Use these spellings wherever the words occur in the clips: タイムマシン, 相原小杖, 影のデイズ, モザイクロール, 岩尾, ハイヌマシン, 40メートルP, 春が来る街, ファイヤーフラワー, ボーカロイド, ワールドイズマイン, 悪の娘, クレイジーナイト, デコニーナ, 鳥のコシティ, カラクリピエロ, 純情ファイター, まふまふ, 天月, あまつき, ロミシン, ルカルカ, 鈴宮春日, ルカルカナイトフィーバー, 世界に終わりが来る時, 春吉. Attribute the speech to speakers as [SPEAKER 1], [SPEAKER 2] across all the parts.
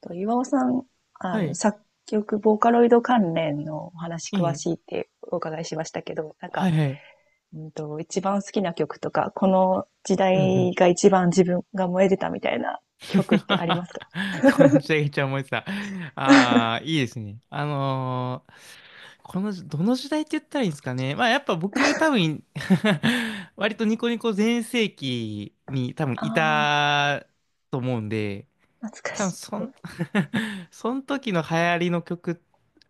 [SPEAKER 1] と、岩尾さん、
[SPEAKER 2] はい。
[SPEAKER 1] 作曲、ボーカロイド関連のお話詳
[SPEAKER 2] いい。
[SPEAKER 1] しいってお伺いしましたけど、なん
[SPEAKER 2] は
[SPEAKER 1] か、
[SPEAKER 2] いはい。
[SPEAKER 1] 一番好きな曲とか、この時
[SPEAKER 2] うんうん。
[SPEAKER 1] 代が一番自分が燃えてたみたいな曲ってありま すか？
[SPEAKER 2] このシャギちゃん思いてた。ああ、いいですね。この、どの時代って言ったらいいんですかね。まあやっぱ僕多分 割とニコニコ全盛期に多分い
[SPEAKER 1] あ
[SPEAKER 2] たと思うんで、
[SPEAKER 1] あ、懐か
[SPEAKER 2] 多分
[SPEAKER 1] し
[SPEAKER 2] そん、
[SPEAKER 1] い。
[SPEAKER 2] その時の流行りの曲、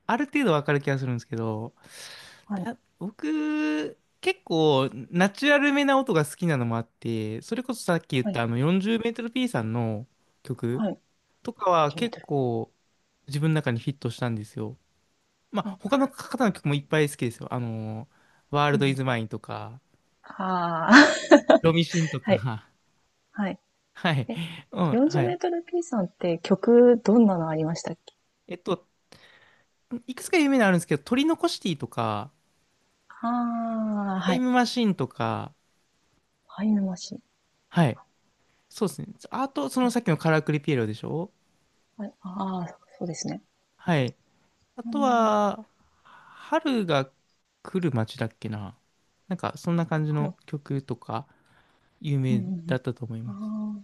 [SPEAKER 2] ある程度わかる気がするんですけど、
[SPEAKER 1] はい、
[SPEAKER 2] 僕、結構ナチュラルめな音が好きなのもあって、それこそさっき言っ
[SPEAKER 1] は
[SPEAKER 2] た
[SPEAKER 1] い、
[SPEAKER 2] あの40メートル P さんの
[SPEAKER 1] は
[SPEAKER 2] 曲
[SPEAKER 1] い、はい。
[SPEAKER 2] とか
[SPEAKER 1] 40
[SPEAKER 2] は
[SPEAKER 1] メー
[SPEAKER 2] 結
[SPEAKER 1] トル。
[SPEAKER 2] 構自分の中にフィットしたんですよ。まあ
[SPEAKER 1] あ、
[SPEAKER 2] 他の方の曲もいっぱい好きですよ。あの、ワール
[SPEAKER 1] う
[SPEAKER 2] ドイ
[SPEAKER 1] ん、
[SPEAKER 2] ズマインとか、
[SPEAKER 1] あー。
[SPEAKER 2] ロミシンと
[SPEAKER 1] はい、
[SPEAKER 2] か、
[SPEAKER 1] はい。
[SPEAKER 2] はい。
[SPEAKER 1] え、
[SPEAKER 2] うん、
[SPEAKER 1] 40メ
[SPEAKER 2] は
[SPEAKER 1] ー
[SPEAKER 2] い。
[SPEAKER 1] トル P さんって曲、どんなのありましたっけ？
[SPEAKER 2] えっと、いくつか有名なのあるんですけど、鳥のコシティとか、
[SPEAKER 1] ああー、
[SPEAKER 2] タ
[SPEAKER 1] は
[SPEAKER 2] イ
[SPEAKER 1] い。
[SPEAKER 2] ムマシンとか、
[SPEAKER 1] ハイヌマシン。
[SPEAKER 2] はい。そうですね。あと、そ
[SPEAKER 1] は
[SPEAKER 2] の
[SPEAKER 1] い、
[SPEAKER 2] さっきのカラクリピエロでしょ？
[SPEAKER 1] はい、ああ、そうですね。
[SPEAKER 2] はい。あ
[SPEAKER 1] う
[SPEAKER 2] と
[SPEAKER 1] ん、
[SPEAKER 2] は、春が来る街だっけな。なんか、そんな感じ
[SPEAKER 1] は
[SPEAKER 2] の
[SPEAKER 1] い。
[SPEAKER 2] 曲とか、有
[SPEAKER 1] うんう
[SPEAKER 2] 名
[SPEAKER 1] んう
[SPEAKER 2] だっ
[SPEAKER 1] ん。
[SPEAKER 2] たと思います。
[SPEAKER 1] あ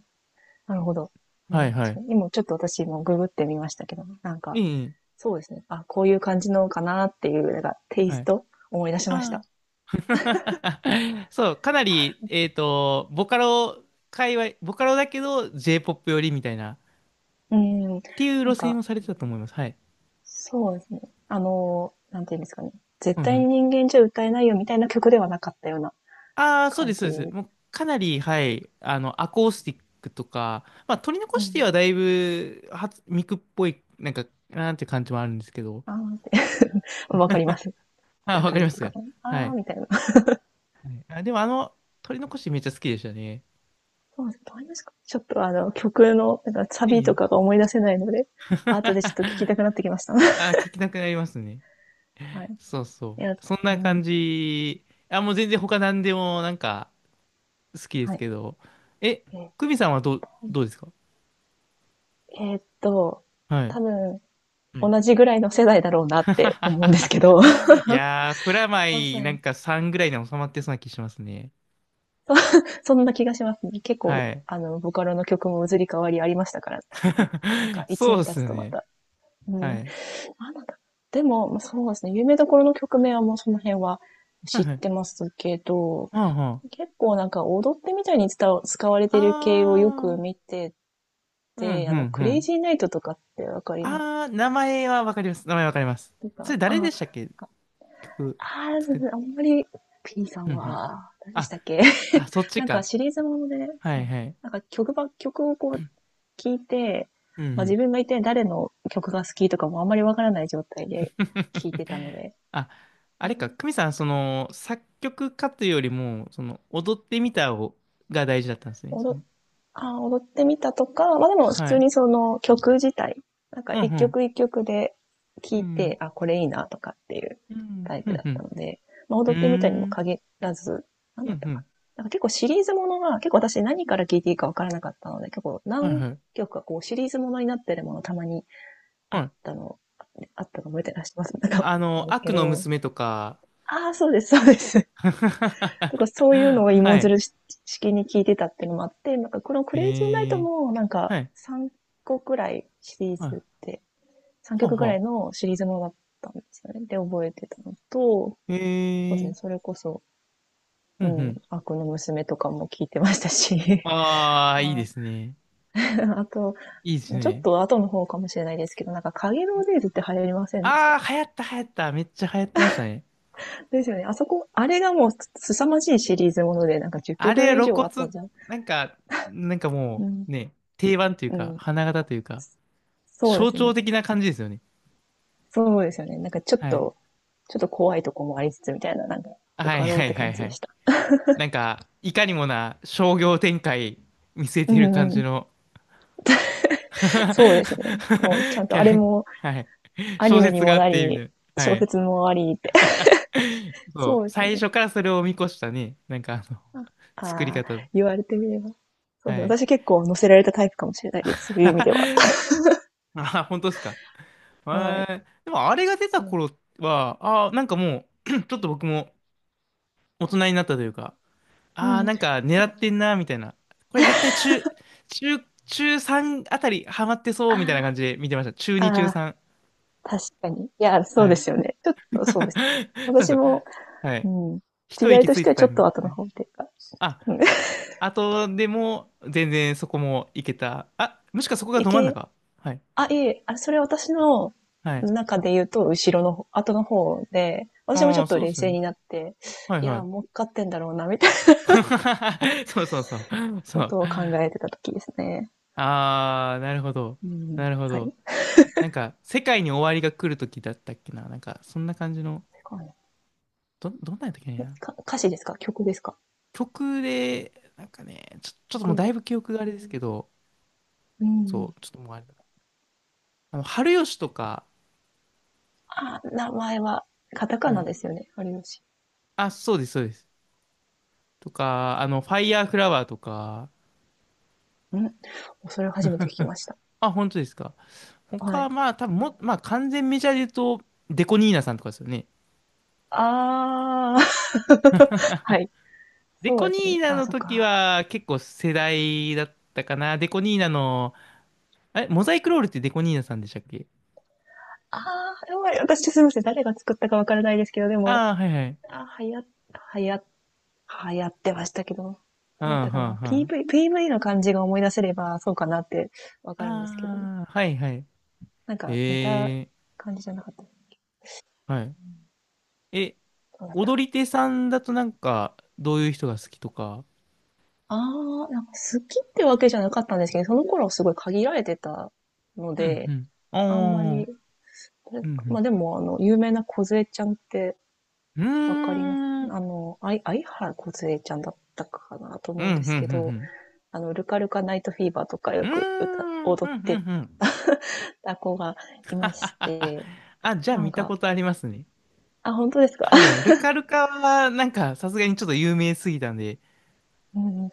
[SPEAKER 1] あ、なるほど。で
[SPEAKER 2] は
[SPEAKER 1] も
[SPEAKER 2] いは
[SPEAKER 1] 確か
[SPEAKER 2] い。
[SPEAKER 1] に、今ちょっと私もググってみましたけど、なん
[SPEAKER 2] え
[SPEAKER 1] か、
[SPEAKER 2] え、
[SPEAKER 1] そうですね。あ、こういう感じのかなっていう、なんか、テイ
[SPEAKER 2] は
[SPEAKER 1] ス
[SPEAKER 2] い。
[SPEAKER 1] ト思い出しました。
[SPEAKER 2] ああ。そう、かなり、ボカロ界隈、ボカロだけど J-POP 寄りみたいな、っ
[SPEAKER 1] うん。
[SPEAKER 2] ていう
[SPEAKER 1] なん
[SPEAKER 2] 路線
[SPEAKER 1] か、
[SPEAKER 2] をされてたと思います。はい。
[SPEAKER 1] そうですね。なんていうんですかね。絶対に人間じゃ歌えないよみたいな曲ではなかったような
[SPEAKER 2] ああ、そう
[SPEAKER 1] 感
[SPEAKER 2] です、そうです。
[SPEAKER 1] じ。
[SPEAKER 2] もうかなり、はい、あの、アコースティックとか、まあ、取り残
[SPEAKER 1] う
[SPEAKER 2] して
[SPEAKER 1] ん。
[SPEAKER 2] はだいぶ、ミクっぽい、なんか、なんていう感じもあるんですけど。
[SPEAKER 1] ああ って、わかります。
[SPEAKER 2] あ、わ
[SPEAKER 1] 高
[SPEAKER 2] か
[SPEAKER 1] い
[SPEAKER 2] り
[SPEAKER 1] っ
[SPEAKER 2] ま
[SPEAKER 1] てい
[SPEAKER 2] す。
[SPEAKER 1] う
[SPEAKER 2] は
[SPEAKER 1] か、
[SPEAKER 2] い。
[SPEAKER 1] ああみたいな。
[SPEAKER 2] はい。あ、でも、あの、取り残しめっちゃ好きでしたね。
[SPEAKER 1] そうですね。わかりますか？ちょっと曲の、なんかサ
[SPEAKER 2] え
[SPEAKER 1] ビとか
[SPEAKER 2] え。
[SPEAKER 1] が思い出せないので、後でちょっと聞きた くなってきました。
[SPEAKER 2] あー、聞きなくなりますね。
[SPEAKER 1] はい。
[SPEAKER 2] そう
[SPEAKER 1] い
[SPEAKER 2] そ
[SPEAKER 1] や、
[SPEAKER 2] う。そん
[SPEAKER 1] う
[SPEAKER 2] な感
[SPEAKER 1] ん。
[SPEAKER 2] じ。あ、もう全然他何でも、なんか、好きで
[SPEAKER 1] は
[SPEAKER 2] す
[SPEAKER 1] い。
[SPEAKER 2] けど。え、
[SPEAKER 1] え、
[SPEAKER 2] クミさんはどうですか？
[SPEAKER 1] えーっと、
[SPEAKER 2] はい。
[SPEAKER 1] 多分、同じぐらいの世代だろうなって思うんですけど。
[SPEAKER 2] いやー、プラマ
[SPEAKER 1] ま
[SPEAKER 2] イ
[SPEAKER 1] さ
[SPEAKER 2] な
[SPEAKER 1] に。
[SPEAKER 2] んか3ぐらいで収まってそうな気しますね。
[SPEAKER 1] そんな気がしますね。結構、
[SPEAKER 2] はい。
[SPEAKER 1] ボカロの曲も移り変わりありましたからね。なんか、一
[SPEAKER 2] そう
[SPEAKER 1] 年
[SPEAKER 2] っ
[SPEAKER 1] 経つ
[SPEAKER 2] す
[SPEAKER 1] とま
[SPEAKER 2] ね。
[SPEAKER 1] た。うん。なん
[SPEAKER 2] はい。
[SPEAKER 1] だった？でも、まあそうですね。有名どころの曲名はもうその辺は
[SPEAKER 2] はい
[SPEAKER 1] 知っ
[SPEAKER 2] はい。
[SPEAKER 1] てますけど、
[SPEAKER 2] はんはん。
[SPEAKER 1] 結構なんか踊ってみたいに使われてる系をよく
[SPEAKER 2] あー、
[SPEAKER 1] 見て
[SPEAKER 2] うん、
[SPEAKER 1] て、
[SPEAKER 2] うん、
[SPEAKER 1] ク
[SPEAKER 2] う
[SPEAKER 1] レイ
[SPEAKER 2] ん。
[SPEAKER 1] ジーナイトとかってわかりま
[SPEAKER 2] あー、名前はわかります。名前わかります。
[SPEAKER 1] す
[SPEAKER 2] そ
[SPEAKER 1] か？
[SPEAKER 2] れ誰で
[SPEAKER 1] あ、
[SPEAKER 2] したっけ？曲
[SPEAKER 1] ああ、そう
[SPEAKER 2] 作っ、
[SPEAKER 1] そう、あんまり、P さ
[SPEAKER 2] う
[SPEAKER 1] ん
[SPEAKER 2] ん、うん。
[SPEAKER 1] は、何でし
[SPEAKER 2] あ、
[SPEAKER 1] たっけ？
[SPEAKER 2] あ、そっち
[SPEAKER 1] なんか
[SPEAKER 2] か。
[SPEAKER 1] シリーズもので、
[SPEAKER 2] は
[SPEAKER 1] そ
[SPEAKER 2] い
[SPEAKER 1] う、
[SPEAKER 2] はい。
[SPEAKER 1] なんか曲をこう聴いて、
[SPEAKER 2] うんう
[SPEAKER 1] まあ自
[SPEAKER 2] ん。
[SPEAKER 1] 分が一体誰の曲が好きとかもあんまりわからない状態で聴い てたので、
[SPEAKER 2] あ、あ
[SPEAKER 1] え
[SPEAKER 2] れか、
[SPEAKER 1] ー
[SPEAKER 2] 久美さん、その、作曲家というよりも、その、踊ってみたをが大事だったんですね。
[SPEAKER 1] お
[SPEAKER 2] そ
[SPEAKER 1] ど
[SPEAKER 2] の
[SPEAKER 1] あ踊ってみたとか、まあでも普
[SPEAKER 2] は
[SPEAKER 1] 通
[SPEAKER 2] い。
[SPEAKER 1] にその曲自体、なんか
[SPEAKER 2] うん、う
[SPEAKER 1] 一
[SPEAKER 2] ん。
[SPEAKER 1] 曲一曲で聴
[SPEAKER 2] う
[SPEAKER 1] い
[SPEAKER 2] ん、
[SPEAKER 1] て、あ、これいいなとかっていう
[SPEAKER 2] うん、
[SPEAKER 1] タイ
[SPEAKER 2] う
[SPEAKER 1] プだった
[SPEAKER 2] ん。
[SPEAKER 1] ので、まあ
[SPEAKER 2] うー
[SPEAKER 1] 踊ってみたにも
[SPEAKER 2] ん、
[SPEAKER 1] 限らず、なん
[SPEAKER 2] う
[SPEAKER 1] だっ
[SPEAKER 2] ん、
[SPEAKER 1] た
[SPEAKER 2] う
[SPEAKER 1] かな。
[SPEAKER 2] ん。
[SPEAKER 1] なんか結構シリーズものが、結構私何から聴いていいかわからなかったので、結構
[SPEAKER 2] はい、
[SPEAKER 1] 何
[SPEAKER 2] はい。
[SPEAKER 1] 曲かこうシリーズものになってるものたまにあ
[SPEAKER 2] は
[SPEAKER 1] っ
[SPEAKER 2] い。
[SPEAKER 1] たの、あったの覚えてらっしゃいます？なんかあっ
[SPEAKER 2] あ
[SPEAKER 1] たん
[SPEAKER 2] の、
[SPEAKER 1] ですけ
[SPEAKER 2] 悪の
[SPEAKER 1] ど、
[SPEAKER 2] 娘とか。
[SPEAKER 1] ああ、そうです、そうです。とかそういうのを
[SPEAKER 2] は
[SPEAKER 1] 芋づ
[SPEAKER 2] い。
[SPEAKER 1] る式に聞いてたっていうのもあって、なんかこのク
[SPEAKER 2] え
[SPEAKER 1] レイジーナイト
[SPEAKER 2] ー、
[SPEAKER 1] もなんか
[SPEAKER 2] はい。
[SPEAKER 1] 3個くらいシリー
[SPEAKER 2] は
[SPEAKER 1] ズっ
[SPEAKER 2] い。
[SPEAKER 1] て、3
[SPEAKER 2] ほう
[SPEAKER 1] 曲くらい
[SPEAKER 2] ほ
[SPEAKER 1] のシリーズものだったんですよね。で、覚えてたのと、
[SPEAKER 2] う。
[SPEAKER 1] そうで
[SPEAKER 2] え
[SPEAKER 1] す
[SPEAKER 2] ー、
[SPEAKER 1] ね、それこそ、
[SPEAKER 2] うん、う
[SPEAKER 1] うん、
[SPEAKER 2] ん。
[SPEAKER 1] 悪の娘とかも聞いてましたし、
[SPEAKER 2] あ あ、いいで
[SPEAKER 1] あ、
[SPEAKER 2] すね。
[SPEAKER 1] あと、
[SPEAKER 2] いいです
[SPEAKER 1] ちょっ
[SPEAKER 2] ね。
[SPEAKER 1] と後の方かもしれないですけど、なんか影のデイズって流行りませんでし
[SPEAKER 2] あ
[SPEAKER 1] た？
[SPEAKER 2] あ、流行った、流行った。めっちゃ流行ってましたね。
[SPEAKER 1] ですよね。あそこ、あれがもう凄まじいシリーズもので、なんか10
[SPEAKER 2] あれ、
[SPEAKER 1] 曲以
[SPEAKER 2] 露
[SPEAKER 1] 上
[SPEAKER 2] 骨、
[SPEAKER 1] あったじゃん。
[SPEAKER 2] なんか、なんか
[SPEAKER 1] う
[SPEAKER 2] も
[SPEAKER 1] ん。
[SPEAKER 2] う、ね、定番という
[SPEAKER 1] う
[SPEAKER 2] か、
[SPEAKER 1] ん。
[SPEAKER 2] 花形というか、
[SPEAKER 1] そうで
[SPEAKER 2] 象
[SPEAKER 1] す
[SPEAKER 2] 徴
[SPEAKER 1] ね。
[SPEAKER 2] 的な感じですよね。
[SPEAKER 1] そうですよね。なんかちょっ
[SPEAKER 2] はい。
[SPEAKER 1] と、ちょっと怖いとこもありつつみたいな、なんか、ボ
[SPEAKER 2] はい、
[SPEAKER 1] カロ
[SPEAKER 2] は
[SPEAKER 1] っ
[SPEAKER 2] い、
[SPEAKER 1] て
[SPEAKER 2] はい、
[SPEAKER 1] 感じ
[SPEAKER 2] は
[SPEAKER 1] で
[SPEAKER 2] い。
[SPEAKER 1] した。
[SPEAKER 2] なんか、いかにもな商業展開見据え
[SPEAKER 1] う
[SPEAKER 2] てる感
[SPEAKER 1] んう
[SPEAKER 2] じ
[SPEAKER 1] ん。
[SPEAKER 2] の
[SPEAKER 1] そうですね。もうちゃん
[SPEAKER 2] キ
[SPEAKER 1] とあれ
[SPEAKER 2] ャ
[SPEAKER 1] も
[SPEAKER 2] ラ、はい。
[SPEAKER 1] ア
[SPEAKER 2] 小
[SPEAKER 1] ニメに
[SPEAKER 2] 説が
[SPEAKER 1] も
[SPEAKER 2] あっ
[SPEAKER 1] な
[SPEAKER 2] て、みた
[SPEAKER 1] り、
[SPEAKER 2] いな。は
[SPEAKER 1] 小
[SPEAKER 2] い。
[SPEAKER 1] 説もありって。
[SPEAKER 2] そ
[SPEAKER 1] そう
[SPEAKER 2] う。
[SPEAKER 1] です
[SPEAKER 2] 最
[SPEAKER 1] ね。
[SPEAKER 2] 初からそれを見越したね。なんか、あの、
[SPEAKER 1] あ
[SPEAKER 2] 作り
[SPEAKER 1] あ
[SPEAKER 2] 方。
[SPEAKER 1] ー、言われてみれば。そうですね。
[SPEAKER 2] はい。
[SPEAKER 1] 私結構乗せられたタイプかもしれないです。そういう意味では。
[SPEAKER 2] あ、本当ですか。え
[SPEAKER 1] はい。
[SPEAKER 2] ー、でも、あれが出た
[SPEAKER 1] そう、
[SPEAKER 2] 頃は、あー、なんかもう ちょっと僕も大人になったというか、
[SPEAKER 1] う
[SPEAKER 2] ああ、
[SPEAKER 1] ん。
[SPEAKER 2] なんか狙ってんな、みたいな。これ絶対中、中、中3あたりハマってそう、みたいな感
[SPEAKER 1] あ
[SPEAKER 2] じで見てました。中
[SPEAKER 1] あ、
[SPEAKER 2] 2、
[SPEAKER 1] あ
[SPEAKER 2] 中
[SPEAKER 1] あ、
[SPEAKER 2] 3。
[SPEAKER 1] 確かに。いや、そう
[SPEAKER 2] は
[SPEAKER 1] で
[SPEAKER 2] い。
[SPEAKER 1] すよね。ちょっ
[SPEAKER 2] そう
[SPEAKER 1] とそ
[SPEAKER 2] な
[SPEAKER 1] うですね。
[SPEAKER 2] んです
[SPEAKER 1] 私
[SPEAKER 2] よ。
[SPEAKER 1] も、
[SPEAKER 2] は
[SPEAKER 1] う
[SPEAKER 2] い。
[SPEAKER 1] ん。時
[SPEAKER 2] 一
[SPEAKER 1] 代
[SPEAKER 2] 息
[SPEAKER 1] と
[SPEAKER 2] つ
[SPEAKER 1] し
[SPEAKER 2] い
[SPEAKER 1] て
[SPEAKER 2] た
[SPEAKER 1] は
[SPEAKER 2] タ
[SPEAKER 1] ちょ
[SPEAKER 2] イ
[SPEAKER 1] っ
[SPEAKER 2] ミン
[SPEAKER 1] と
[SPEAKER 2] グ。
[SPEAKER 1] 後
[SPEAKER 2] は
[SPEAKER 1] の
[SPEAKER 2] い。
[SPEAKER 1] 方っていうか、
[SPEAKER 2] あ、
[SPEAKER 1] うん。
[SPEAKER 2] あとでも、全然そこもいけた。あ、もしかそこが
[SPEAKER 1] い
[SPEAKER 2] ど真ん
[SPEAKER 1] け、
[SPEAKER 2] 中。はい。
[SPEAKER 1] あ、いえ、あ、それ私の
[SPEAKER 2] はい。
[SPEAKER 1] 中で言うと、後ろの方、後の方で、私もち
[SPEAKER 2] あ
[SPEAKER 1] ょ
[SPEAKER 2] あ、
[SPEAKER 1] っと
[SPEAKER 2] そうで
[SPEAKER 1] 冷
[SPEAKER 2] すよ
[SPEAKER 1] 静
[SPEAKER 2] ね。
[SPEAKER 1] になって、
[SPEAKER 2] はい
[SPEAKER 1] い
[SPEAKER 2] は
[SPEAKER 1] や、
[SPEAKER 2] い。
[SPEAKER 1] 儲かってんだろうな、みたいな
[SPEAKER 2] そうそうそう。そ
[SPEAKER 1] こ
[SPEAKER 2] う。
[SPEAKER 1] とを考えてた時ですね。
[SPEAKER 2] ああ、なるほど。
[SPEAKER 1] うん。
[SPEAKER 2] なるほ
[SPEAKER 1] は
[SPEAKER 2] ど。
[SPEAKER 1] い。
[SPEAKER 2] なんか、世界に終わりが来る時だったっけな。なんか、そんな感じの。
[SPEAKER 1] それからね？
[SPEAKER 2] どんなんやったっけね。
[SPEAKER 1] 歌詞ですか？曲ですか？
[SPEAKER 2] 曲で、なんかね、ちょっともう
[SPEAKER 1] 曲
[SPEAKER 2] だい
[SPEAKER 1] ね。
[SPEAKER 2] ぶ記憶があれですけど、
[SPEAKER 1] う
[SPEAKER 2] そ
[SPEAKER 1] ん。
[SPEAKER 2] う、ちょっともうあれだな。あの、春吉とか、
[SPEAKER 1] あ、名前は、カタカ
[SPEAKER 2] は
[SPEAKER 1] ナ
[SPEAKER 2] い。
[SPEAKER 1] ですよね、有吉。
[SPEAKER 2] あ、そうです、そうです。とか、あの、ファイヤーフラワーとか、
[SPEAKER 1] うん。それを初めて聞きました。
[SPEAKER 2] あ、本当ですか。他
[SPEAKER 1] は
[SPEAKER 2] は
[SPEAKER 1] い。
[SPEAKER 2] まあ、多分も、まあ、完全メジャーで言うと、デコニーナさんとかですよね。
[SPEAKER 1] あー。はい。
[SPEAKER 2] デ
[SPEAKER 1] そ
[SPEAKER 2] コ
[SPEAKER 1] うで
[SPEAKER 2] ニ
[SPEAKER 1] す
[SPEAKER 2] ー
[SPEAKER 1] ね。
[SPEAKER 2] ナ
[SPEAKER 1] あ、
[SPEAKER 2] の
[SPEAKER 1] そっ
[SPEAKER 2] 時
[SPEAKER 1] か。
[SPEAKER 2] は結構世代だったかな。デコニーナの、あれ、モザイクロールってデコニーナさんでしたっけ？
[SPEAKER 1] あー、やばい。私、すみません。誰が作ったかわからないですけど、でも、
[SPEAKER 2] ああー、はいはい。
[SPEAKER 1] あ、はや、はや、流行ってましたけど、ど
[SPEAKER 2] う
[SPEAKER 1] う
[SPEAKER 2] ん、
[SPEAKER 1] だった
[SPEAKER 2] う
[SPEAKER 1] か
[SPEAKER 2] ん、
[SPEAKER 1] な？
[SPEAKER 2] うん。
[SPEAKER 1] PV、PV の感じが思い出せれば、そうかなってわかるんですけど、
[SPEAKER 2] ああ、はいはい。
[SPEAKER 1] なんか似た
[SPEAKER 2] へえ。
[SPEAKER 1] 感じじゃなかった。
[SPEAKER 2] はい。え、
[SPEAKER 1] どうだったか
[SPEAKER 2] 踊り手さんだとなんか、どういう人が好きとか。
[SPEAKER 1] な？あー、なんか好きってわけじゃなかったんですけど、その頃すごい限られてたの
[SPEAKER 2] うん、う
[SPEAKER 1] で、
[SPEAKER 2] ん。
[SPEAKER 1] あんま
[SPEAKER 2] あ
[SPEAKER 1] り、
[SPEAKER 2] あ、う
[SPEAKER 1] ま
[SPEAKER 2] ん、
[SPEAKER 1] あでも、有名な小杖ちゃんって
[SPEAKER 2] う
[SPEAKER 1] わかります？
[SPEAKER 2] ん。うーん、うん、
[SPEAKER 1] あの、あい、相原小杖ちゃんだったかなと
[SPEAKER 2] うん、
[SPEAKER 1] 思う
[SPEAKER 2] う
[SPEAKER 1] んですけど、
[SPEAKER 2] ん、
[SPEAKER 1] ルカルカナイトフィーバーとか
[SPEAKER 2] う
[SPEAKER 1] よく
[SPEAKER 2] ん。うー
[SPEAKER 1] 踊
[SPEAKER 2] ん、う
[SPEAKER 1] っ
[SPEAKER 2] ん、う
[SPEAKER 1] て
[SPEAKER 2] ん、うん。
[SPEAKER 1] た子がい
[SPEAKER 2] は
[SPEAKER 1] まし
[SPEAKER 2] ははは
[SPEAKER 1] て、
[SPEAKER 2] あ、じゃあ
[SPEAKER 1] なん
[SPEAKER 2] 見た
[SPEAKER 1] か、
[SPEAKER 2] ことありますね。
[SPEAKER 1] あ、本当ですか？
[SPEAKER 2] 多分、ルカルカは、なんか、さすがにちょっと有名すぎたんで。
[SPEAKER 1] うん。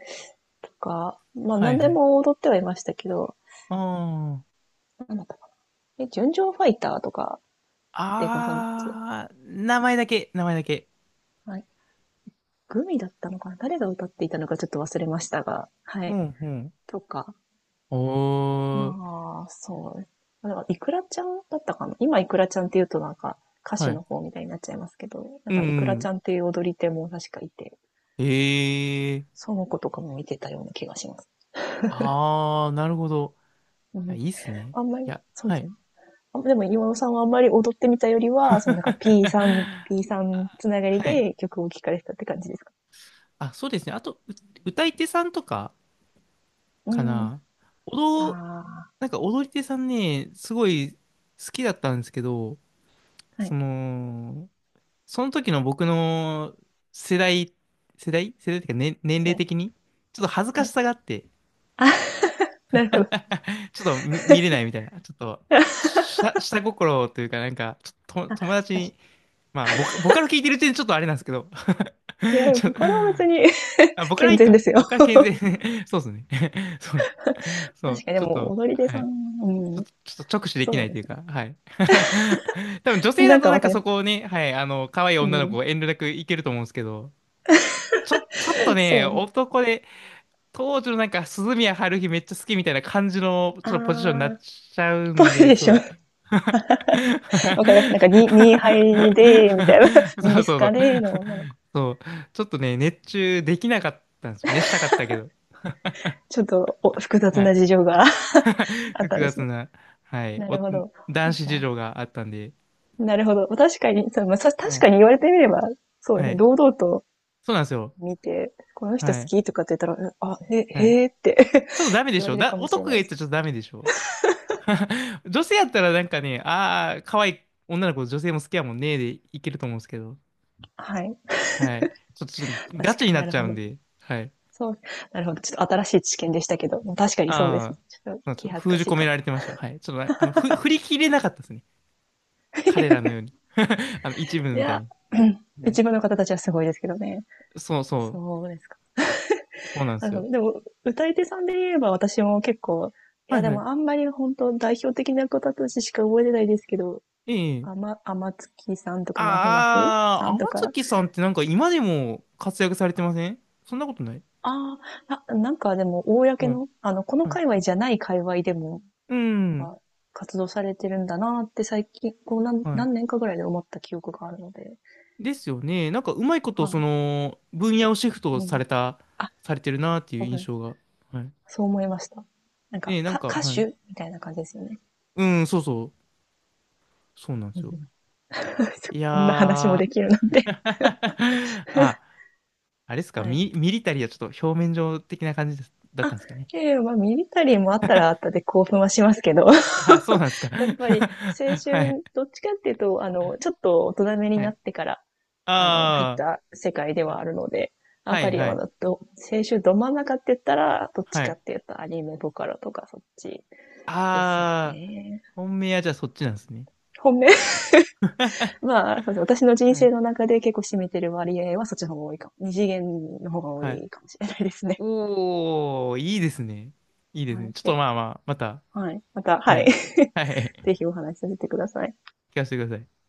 [SPEAKER 1] とか、まあ
[SPEAKER 2] はい、
[SPEAKER 1] 何
[SPEAKER 2] は
[SPEAKER 1] で
[SPEAKER 2] い。
[SPEAKER 1] も踊ってはいましたけど、
[SPEAKER 2] ああ。
[SPEAKER 1] なんだったかな。え、純情ファイターとかってご存知ですか？
[SPEAKER 2] あー、名前だけ、名前だけ。
[SPEAKER 1] はい。グミだったのかな？誰が歌っていたのかちょっと忘れましたが、は
[SPEAKER 2] う
[SPEAKER 1] い。
[SPEAKER 2] ん、うん。
[SPEAKER 1] とか、
[SPEAKER 2] おー、
[SPEAKER 1] まあ、そう、だからイクラちゃんだったかな？今イクラちゃんって言うとなんか歌
[SPEAKER 2] は
[SPEAKER 1] 手
[SPEAKER 2] い。
[SPEAKER 1] の方みたいになっちゃいますけど、なん
[SPEAKER 2] うん、
[SPEAKER 1] かイク
[SPEAKER 2] う
[SPEAKER 1] ラち
[SPEAKER 2] ん。
[SPEAKER 1] ゃんっていう踊り手も確かいて、
[SPEAKER 2] えー。
[SPEAKER 1] その子とかも見てたような気がします。
[SPEAKER 2] ああ、なるほど。
[SPEAKER 1] う
[SPEAKER 2] あ
[SPEAKER 1] ん。
[SPEAKER 2] いいっすね。
[SPEAKER 1] あんま
[SPEAKER 2] い
[SPEAKER 1] り、
[SPEAKER 2] や、
[SPEAKER 1] そう
[SPEAKER 2] は
[SPEAKER 1] です
[SPEAKER 2] い。
[SPEAKER 1] ね。あ、でも岩尾さんはあんまり踊ってみたよりは、そのなんか P さん、P さんつ
[SPEAKER 2] あ
[SPEAKER 1] ながり
[SPEAKER 2] はい。
[SPEAKER 1] で曲を聴かれてたって感じですか？
[SPEAKER 2] あ、そうですね。あと、う歌い手さんとか
[SPEAKER 1] う
[SPEAKER 2] か
[SPEAKER 1] ん。
[SPEAKER 2] な。踊、
[SPEAKER 1] ああ、
[SPEAKER 2] なんか踊り手さんね、すごい好きだったんですけど、
[SPEAKER 1] は
[SPEAKER 2] そ
[SPEAKER 1] い。
[SPEAKER 2] の、その時の僕の世代、世代っていうか、ね、年齢的に、ちょっと恥ずか
[SPEAKER 1] は
[SPEAKER 2] し
[SPEAKER 1] い。
[SPEAKER 2] さがあって、
[SPEAKER 1] なるほど。
[SPEAKER 2] ちょっと見、見れないみたいな。ちょっと、下心というか、なんか、ちょっと
[SPEAKER 1] あ、
[SPEAKER 2] 友達
[SPEAKER 1] 確
[SPEAKER 2] に
[SPEAKER 1] か
[SPEAKER 2] まあ、僕から聞いてる点ちょっとあれなんですけど。
[SPEAKER 1] に。いや、
[SPEAKER 2] ちょっと
[SPEAKER 1] これは別に。
[SPEAKER 2] あ、僕からい
[SPEAKER 1] 健
[SPEAKER 2] い
[SPEAKER 1] 全で
[SPEAKER 2] か。
[SPEAKER 1] すよ。
[SPEAKER 2] 僕から健全。そうですね。そう、そ
[SPEAKER 1] 確
[SPEAKER 2] う、
[SPEAKER 1] かに、で
[SPEAKER 2] ちょっ
[SPEAKER 1] も
[SPEAKER 2] と、
[SPEAKER 1] 踊り手
[SPEAKER 2] は
[SPEAKER 1] さ
[SPEAKER 2] い。
[SPEAKER 1] ん、うん。
[SPEAKER 2] ちょっと直視でき
[SPEAKER 1] そ
[SPEAKER 2] な
[SPEAKER 1] う
[SPEAKER 2] い
[SPEAKER 1] で
[SPEAKER 2] とい
[SPEAKER 1] す
[SPEAKER 2] うか、はい。多分女
[SPEAKER 1] ね。
[SPEAKER 2] 性
[SPEAKER 1] な
[SPEAKER 2] だ
[SPEAKER 1] ん
[SPEAKER 2] と
[SPEAKER 1] か
[SPEAKER 2] なん
[SPEAKER 1] わか
[SPEAKER 2] か
[SPEAKER 1] りま
[SPEAKER 2] そこ
[SPEAKER 1] す。
[SPEAKER 2] をね、はい、あの、可愛い
[SPEAKER 1] う
[SPEAKER 2] 女の
[SPEAKER 1] ん。
[SPEAKER 2] 子遠慮なくいけると思うんですけど、ちょっとね、
[SPEAKER 1] そうですね。
[SPEAKER 2] 男で、当時のなんか、鈴宮春日めっちゃ好きみたいな感じの、
[SPEAKER 1] あ
[SPEAKER 2] ちょっとポジションになっ
[SPEAKER 1] ー、
[SPEAKER 2] ちゃう
[SPEAKER 1] ぽ
[SPEAKER 2] ん
[SPEAKER 1] い
[SPEAKER 2] で、
[SPEAKER 1] でしょ。
[SPEAKER 2] そう。
[SPEAKER 1] わかります。なんか、ニーハイで、みたいな、
[SPEAKER 2] そ
[SPEAKER 1] ミ
[SPEAKER 2] うそ
[SPEAKER 1] ニ
[SPEAKER 2] う
[SPEAKER 1] ス
[SPEAKER 2] そ
[SPEAKER 1] カ
[SPEAKER 2] う。
[SPEAKER 1] での女の子。
[SPEAKER 2] そう。ちょっとね、熱中できなかったんですよね。したかったけど。
[SPEAKER 1] ちょっとお、複雑
[SPEAKER 2] はい。
[SPEAKER 1] な事情が あった
[SPEAKER 2] 複
[SPEAKER 1] んです
[SPEAKER 2] 雑
[SPEAKER 1] ね。
[SPEAKER 2] な、はい。
[SPEAKER 1] なる
[SPEAKER 2] お、
[SPEAKER 1] ほど。そ
[SPEAKER 2] 男
[SPEAKER 1] うです
[SPEAKER 2] 子事
[SPEAKER 1] か。
[SPEAKER 2] 情があったんで。
[SPEAKER 1] なるほど。確かに、そう、まあ、
[SPEAKER 2] は
[SPEAKER 1] 確
[SPEAKER 2] い。
[SPEAKER 1] かに言われてみれば、そうで
[SPEAKER 2] は
[SPEAKER 1] すね。
[SPEAKER 2] い。
[SPEAKER 1] 堂々と
[SPEAKER 2] そうなんですよ。
[SPEAKER 1] 見て、この人好
[SPEAKER 2] はい。
[SPEAKER 1] きとかって言ったら、あ、
[SPEAKER 2] はい。
[SPEAKER 1] へーって
[SPEAKER 2] ちょっとダメ で
[SPEAKER 1] 言
[SPEAKER 2] し
[SPEAKER 1] わ
[SPEAKER 2] ょ
[SPEAKER 1] れる
[SPEAKER 2] だ、
[SPEAKER 1] かもしれ
[SPEAKER 2] 男が
[SPEAKER 1] ない
[SPEAKER 2] 言
[SPEAKER 1] で
[SPEAKER 2] った
[SPEAKER 1] す。
[SPEAKER 2] らちょっとダメでしょ？ 女性やったらなんかね、ああ、可愛い女の子、女性も好きやもんね、でいけると思うんですけど。
[SPEAKER 1] はい。
[SPEAKER 2] はい。ちょっとガ
[SPEAKER 1] 確か
[SPEAKER 2] チ
[SPEAKER 1] に、
[SPEAKER 2] にな
[SPEAKER 1] な
[SPEAKER 2] っ
[SPEAKER 1] る
[SPEAKER 2] ちゃ
[SPEAKER 1] ほ
[SPEAKER 2] うん
[SPEAKER 1] ど。
[SPEAKER 2] で。はい。
[SPEAKER 1] そう。なるほど。ちょっと新しい知見でしたけど、確かにそうです
[SPEAKER 2] あ
[SPEAKER 1] ね。
[SPEAKER 2] あ、
[SPEAKER 1] ちょっと
[SPEAKER 2] なんです
[SPEAKER 1] 気
[SPEAKER 2] か。
[SPEAKER 1] 恥ず
[SPEAKER 2] 封
[SPEAKER 1] か
[SPEAKER 2] じ
[SPEAKER 1] しい
[SPEAKER 2] 込め
[SPEAKER 1] かも。
[SPEAKER 2] られてました。はい。ちょっとね、あの、振り切れなかったですね。彼ら のように。あの、一部
[SPEAKER 1] い
[SPEAKER 2] みたい
[SPEAKER 1] や、
[SPEAKER 2] に。
[SPEAKER 1] うん、
[SPEAKER 2] はい、
[SPEAKER 1] 一部の方たちはすごいですけどね。
[SPEAKER 2] そうそう。
[SPEAKER 1] そうですか。
[SPEAKER 2] そうなんで
[SPEAKER 1] な
[SPEAKER 2] す
[SPEAKER 1] るほ
[SPEAKER 2] よ。
[SPEAKER 1] ど。でも、歌い手さんで言えば私も結構、い
[SPEAKER 2] は
[SPEAKER 1] や
[SPEAKER 2] い
[SPEAKER 1] で
[SPEAKER 2] は
[SPEAKER 1] もあ
[SPEAKER 2] い。
[SPEAKER 1] んまり本当代表的な方たちしか覚えてないですけど、
[SPEAKER 2] ええ。
[SPEAKER 1] あまつきさんとか、まふまふ
[SPEAKER 2] あ
[SPEAKER 1] さんと
[SPEAKER 2] あ、
[SPEAKER 1] か、
[SPEAKER 2] 天月さんってなんか今でも活躍されてませんそんなことない
[SPEAKER 1] ああ、あ、なんかでも、公
[SPEAKER 2] はい。
[SPEAKER 1] の、この
[SPEAKER 2] はい。
[SPEAKER 1] 界隈じゃない界隈でも、
[SPEAKER 2] う
[SPEAKER 1] なん
[SPEAKER 2] ん。
[SPEAKER 1] か、活動されてるんだなって最近、こう
[SPEAKER 2] はい。
[SPEAKER 1] 何年かぐらいで思った記憶があるので、
[SPEAKER 2] ですよね。なんかうまいこと、
[SPEAKER 1] は
[SPEAKER 2] そ
[SPEAKER 1] い。
[SPEAKER 2] の、分野をシフト
[SPEAKER 1] う
[SPEAKER 2] さ
[SPEAKER 1] ん、
[SPEAKER 2] れた、
[SPEAKER 1] あ、
[SPEAKER 2] されてるなっていう
[SPEAKER 1] そう
[SPEAKER 2] 印
[SPEAKER 1] ね、
[SPEAKER 2] 象が。はい。
[SPEAKER 1] そう思いました。なん
[SPEAKER 2] え
[SPEAKER 1] か、
[SPEAKER 2] え、なんか、
[SPEAKER 1] 歌
[SPEAKER 2] はい。
[SPEAKER 1] 手みたいな感じですよね。
[SPEAKER 2] うん、そうそう。そうなんで
[SPEAKER 1] う
[SPEAKER 2] すよ。
[SPEAKER 1] ん。
[SPEAKER 2] いや
[SPEAKER 1] こんな話もで
[SPEAKER 2] ー。
[SPEAKER 1] きるなんて。
[SPEAKER 2] あ、あれですか、
[SPEAKER 1] はい。
[SPEAKER 2] ミリタリーはちょっと表面上的な感じですだっ
[SPEAKER 1] あ、
[SPEAKER 2] たんですかね。
[SPEAKER 1] いやいや、まあ、ミリタリーもあったらあっ たで興奮はしますけど。
[SPEAKER 2] あ、そうなんですか。
[SPEAKER 1] やっぱり青
[SPEAKER 2] はい。
[SPEAKER 1] 春、どっちかっていうと、ちょっと大人めに
[SPEAKER 2] は
[SPEAKER 1] なっ
[SPEAKER 2] い。
[SPEAKER 1] てから、入っ
[SPEAKER 2] あ
[SPEAKER 1] た世界で
[SPEAKER 2] あ。はい、
[SPEAKER 1] はあるので、やっ
[SPEAKER 2] は
[SPEAKER 1] ぱ
[SPEAKER 2] い、
[SPEAKER 1] り
[SPEAKER 2] は
[SPEAKER 1] ま
[SPEAKER 2] い。
[SPEAKER 1] だど、青春ど真ん中って言ったら、どっち
[SPEAKER 2] は
[SPEAKER 1] かっ
[SPEAKER 2] い。
[SPEAKER 1] ていうとアニメボカロとかそっちです
[SPEAKER 2] ああ。
[SPEAKER 1] ね。
[SPEAKER 2] 本命はじゃあそっちなんですね。
[SPEAKER 1] 本命。 まあ、そうですね。私の人
[SPEAKER 2] は
[SPEAKER 1] 生
[SPEAKER 2] い。
[SPEAKER 1] の中で結構占めてる割合はそっちの方が多いかも。二次元の方が多
[SPEAKER 2] はい。
[SPEAKER 1] いかもしれないですね。
[SPEAKER 2] おー、いいですね。いいです
[SPEAKER 1] は
[SPEAKER 2] ね。
[SPEAKER 1] い。
[SPEAKER 2] ちょっと
[SPEAKER 1] で、
[SPEAKER 2] まあまあ、また、
[SPEAKER 1] はい。また、
[SPEAKER 2] は
[SPEAKER 1] はい。
[SPEAKER 2] い。は い。
[SPEAKER 1] ぜひお話しさせてください。
[SPEAKER 2] 聞かせてください。